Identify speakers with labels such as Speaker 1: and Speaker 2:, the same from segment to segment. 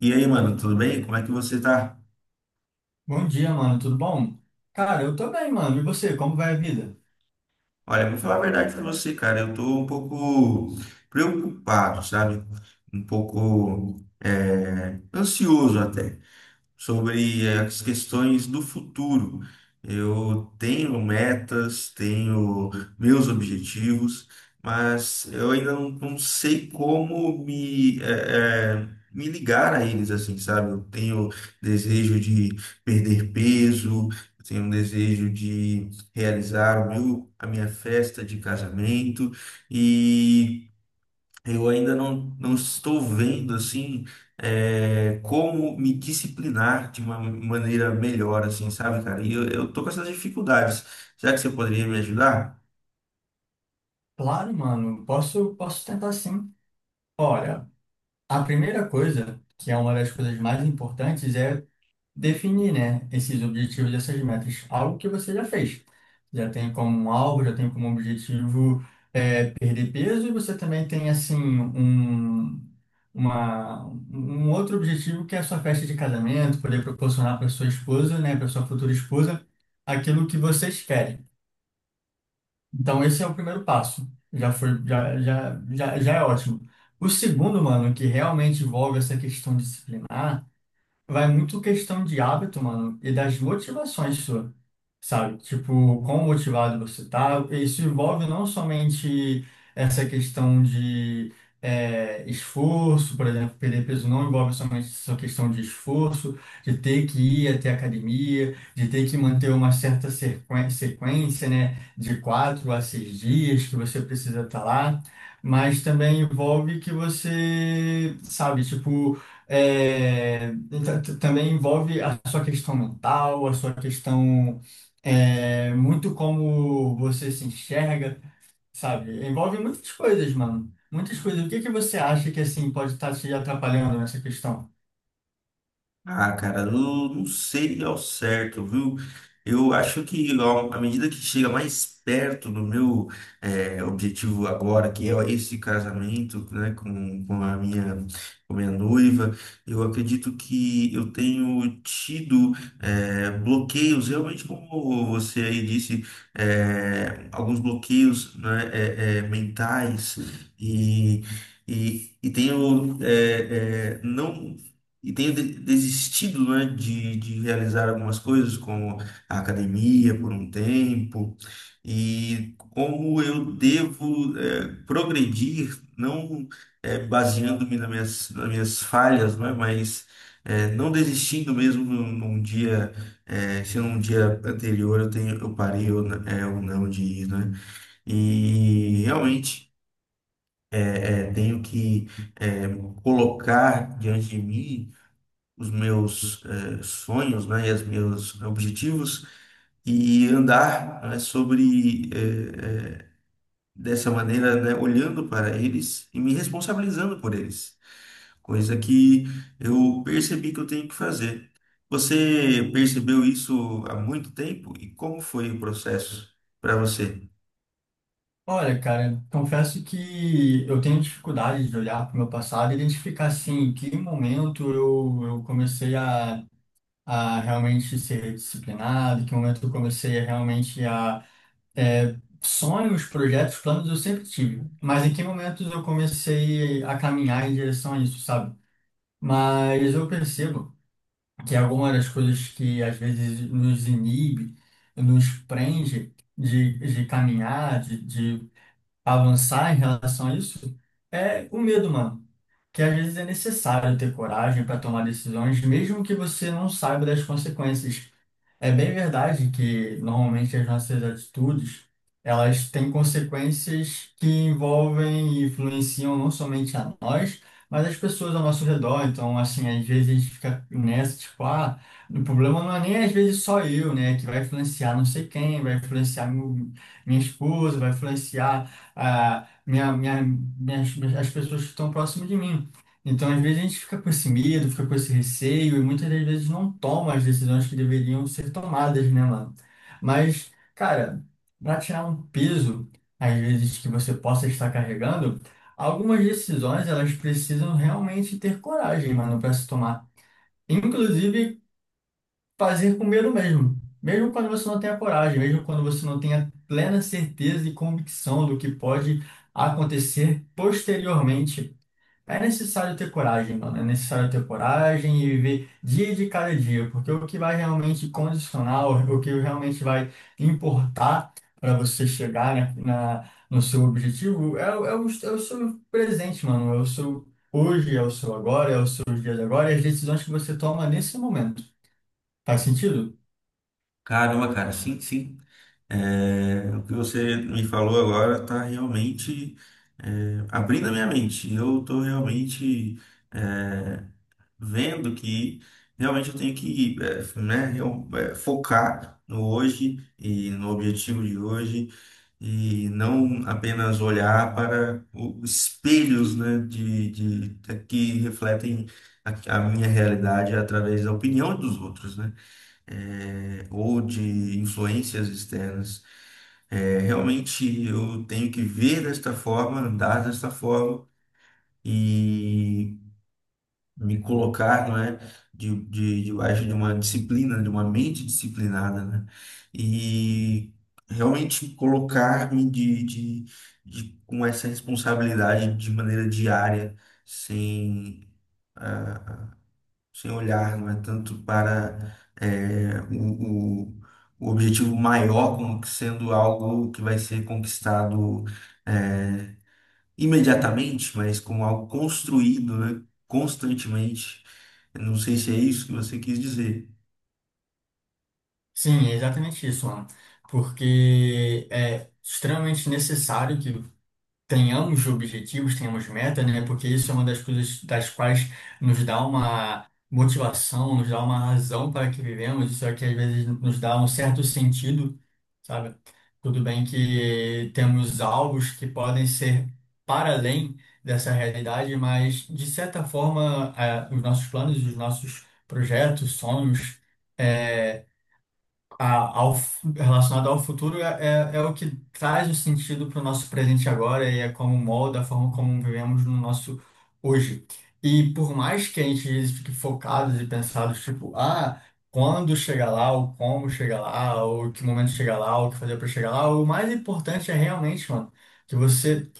Speaker 1: E aí, mano, tudo bem? Como é que você tá?
Speaker 2: Bom dia, mano. Tudo bom? Cara, eu tô bem, mano. E você, como vai a vida?
Speaker 1: Olha, vou falar a verdade pra você, cara. Eu tô um pouco preocupado, sabe? Um pouco ansioso até sobre as questões do futuro. Eu tenho metas, tenho meus objetivos, mas eu ainda não sei como me, me ligar a eles, assim, sabe? Eu tenho desejo de perder peso, eu tenho um desejo de realizar a minha festa de casamento e. Eu ainda não estou vendo assim como me disciplinar de uma maneira melhor, assim, sabe, cara? E eu tô com essas dificuldades. Será que você poderia me ajudar?
Speaker 2: Claro, mano. Posso tentar sim. Olha, a primeira coisa, que é uma das coisas mais importantes, é definir, né, esses objetivos, essas metas, algo que você já fez. Já tem como um alvo, já tem como objetivo perder peso, e você também tem assim um uma um outro objetivo, que é a sua festa de casamento, poder proporcionar para sua esposa, né, para sua futura esposa, aquilo que vocês querem. Então esse é o primeiro passo. Já foi já, já é ótimo. O segundo, mano, que realmente envolve essa questão disciplinar, vai muito questão de hábito, mano, e das motivações sua, sabe? Tipo, quão motivado você tá. Isso envolve não somente essa questão de esforço. Por exemplo, perder peso não envolve somente essa questão de esforço, de ter que ir até a academia, de ter que manter uma certa sequência, né, de quatro a seis dias que você precisa estar lá, mas também envolve que você, sabe, tipo é, então, também envolve a sua questão mental, a sua questão, muito como você se enxerga, sabe? Envolve muitas coisas, mano. Muitas coisas. O que que você acha que, assim, pode estar te atrapalhando nessa questão?
Speaker 1: Ah, cara, não sei ao certo, viu? Eu acho que ó, à medida que chega mais perto do meu objetivo agora, que é esse casamento, né, com a minha noiva, eu acredito que eu tenho tido bloqueios, realmente como você aí disse, alguns bloqueios, né, mentais e e tenho eh, eh, não e tenho desistido, né, de realizar algumas coisas, como a academia por um tempo, e como eu devo progredir, não eh, baseando-me nas minhas falhas, né, mas não desistindo mesmo num, num dia, se num dia anterior eu tenho, eu parei ou não de ir, né? E realmente tenho que eh, colocar diante de mim os meus sonhos, né, e os meus objetivos e andar né, sobre dessa maneira, né, olhando para eles e me responsabilizando por eles, coisa que eu percebi que eu tenho que fazer. Você percebeu isso há muito tempo e como foi o processo para você?
Speaker 2: Olha, cara, confesso que eu tenho dificuldade de olhar para o meu passado e identificar, assim, em que momento eu comecei a realmente ser disciplinado, em que momento eu comecei a realmente a É, sonhos, projetos, planos eu sempre tive, mas em que momentos eu comecei a caminhar em direção a isso, sabe? Mas eu percebo que algumas das coisas que às vezes nos inibe, nos prende de caminhar, de avançar em relação a isso, é o medo, mano. Que às vezes é necessário ter coragem para tomar decisões, mesmo que você não saiba das consequências. É bem verdade que normalmente as nossas atitudes, elas têm consequências que envolvem e influenciam não somente a nós, mas as pessoas ao nosso redor. Então, assim, às vezes a gente fica nessa, tipo, ah, o problema não é nem às vezes só eu, né, que vai influenciar não sei quem, vai influenciar minha esposa, vai influenciar ah, minhas, as pessoas que estão próximas de mim. Então, às vezes a gente fica com esse medo, fica com esse receio, e muitas das vezes não toma as decisões que deveriam ser tomadas, né, mano? Mas, cara, para tirar um peso, às vezes que você possa estar carregando, algumas decisões, elas precisam realmente ter coragem, mano, para se tomar. Inclusive, fazer com medo mesmo. Mesmo quando você não tenha coragem, mesmo quando você não tenha plena certeza e convicção do que pode acontecer posteriormente. É necessário ter coragem, mano. É necessário ter coragem e viver dia de cada dia, porque o que vai realmente condicionar, o que realmente vai importar para você chegar, né, na, no seu objetivo é o seu presente, mano. É o seu hoje, é o seu agora, é os seus dias agora e as decisões que você toma nesse momento. Faz sentido?
Speaker 1: Caramba, cara, sim, sim. É, o que você me falou agora está realmente abrindo a minha mente. Eu estou realmente é, vendo que realmente eu tenho que focar no hoje e no objetivo de hoje e não apenas olhar para os espelhos, né, que refletem a minha realidade através da opinião dos outros, né? Ou de influências externas. É, realmente eu tenho que ver desta forma, andar desta forma e me colocar, não é, debaixo de uma disciplina, de uma mente disciplinada, né? E realmente colocar-me com essa responsabilidade de maneira diária, sem sem olhar, não é tanto para é, o, o, o objetivo maior como que sendo algo que vai ser conquistado é, imediatamente, mas como algo construído, né, constantemente. Eu não sei se é isso que você quis dizer.
Speaker 2: Sim, é exatamente isso, mano. Porque é extremamente necessário que tenhamos objetivos, tenhamos meta, né? Porque isso é uma das coisas das quais nos dá uma motivação, nos dá uma razão para que vivemos, isso é que às vezes nos dá um certo sentido, sabe? Tudo bem que temos alvos que podem ser para além dessa realidade, mas de certa forma, os nossos planos, os nossos projetos, sonhos, é, relacionado ao futuro é o que traz o sentido para o nosso presente agora e é como molda a forma como vivemos no nosso hoje. E por mais que a gente fique focado e pensado, tipo, ah, quando chegar lá, ou como chegar lá, ou que momento chegar lá, ou o que fazer para chegar lá, o mais importante é realmente, mano, que você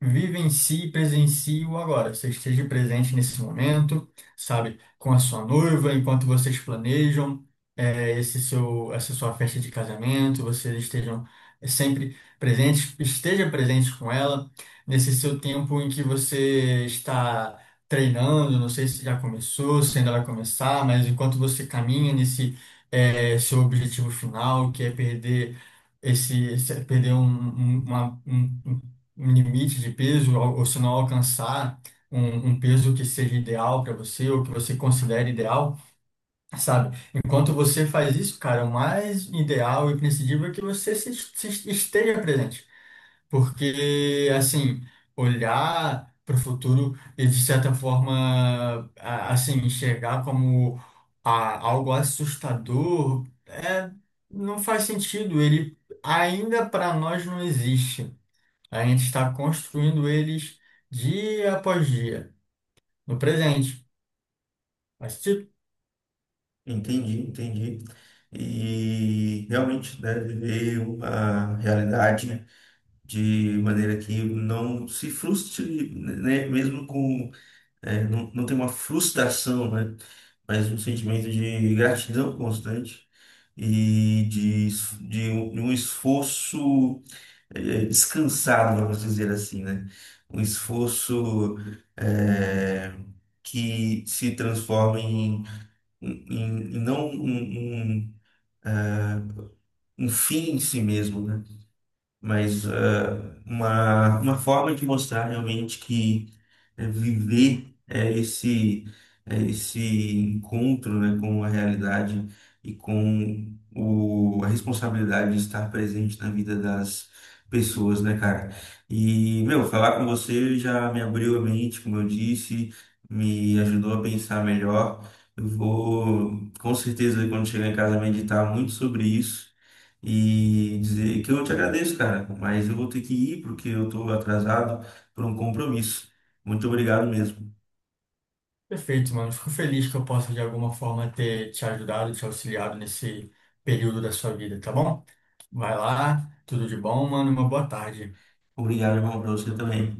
Speaker 2: vivencie e presencie o agora. Você esteja presente nesse momento, sabe, com a sua noiva, enquanto vocês planejam esse seu, essa sua festa de casamento, vocês estejam sempre presentes, esteja presente com ela nesse seu tempo em que você está treinando, não sei se já começou, se ainda vai começar, mas enquanto você caminha nesse seu objetivo final, que é perder esse, perder um, um, um limite de peso, ou se não alcançar um, um peso que seja ideal para você, ou que você considere ideal, sabe? Enquanto você faz isso, cara, o mais ideal e imprescindível é que você se esteja presente. Porque, assim, olhar para o futuro e, de certa forma, assim, enxergar como algo assustador não faz sentido. Ele ainda para nós não existe. A gente está construindo eles dia após dia, no presente. Mas, tipo,
Speaker 1: Entendi, entendi. E realmente, né, viver uma realidade de maneira que não se frustre, né, mesmo com é, não tem uma frustração, né? Mas um sentimento de gratidão constante e de um esforço descansado, vamos dizer assim, né? Um esforço eh, que se transforma em não um fim em si mesmo, né? Mas uma forma de mostrar realmente que é, viver é esse encontro, né, com a realidade e com a responsabilidade de estar presente na vida das pessoas, né, cara? E, meu, falar com você já me abriu a mente, como eu disse, me ajudou a pensar melhor. Eu vou, com certeza, quando chegar em casa, meditar muito sobre isso. E dizer que eu te agradeço, cara, mas eu vou ter que ir porque eu tô atrasado por um compromisso. Muito obrigado mesmo.
Speaker 2: perfeito, mano. Fico feliz que eu possa, de alguma forma, ter te ajudado, te auxiliado nesse período da sua vida, tá bom? Vai lá, tudo de bom, mano, e uma boa tarde.
Speaker 1: Obrigado, irmão, para você também.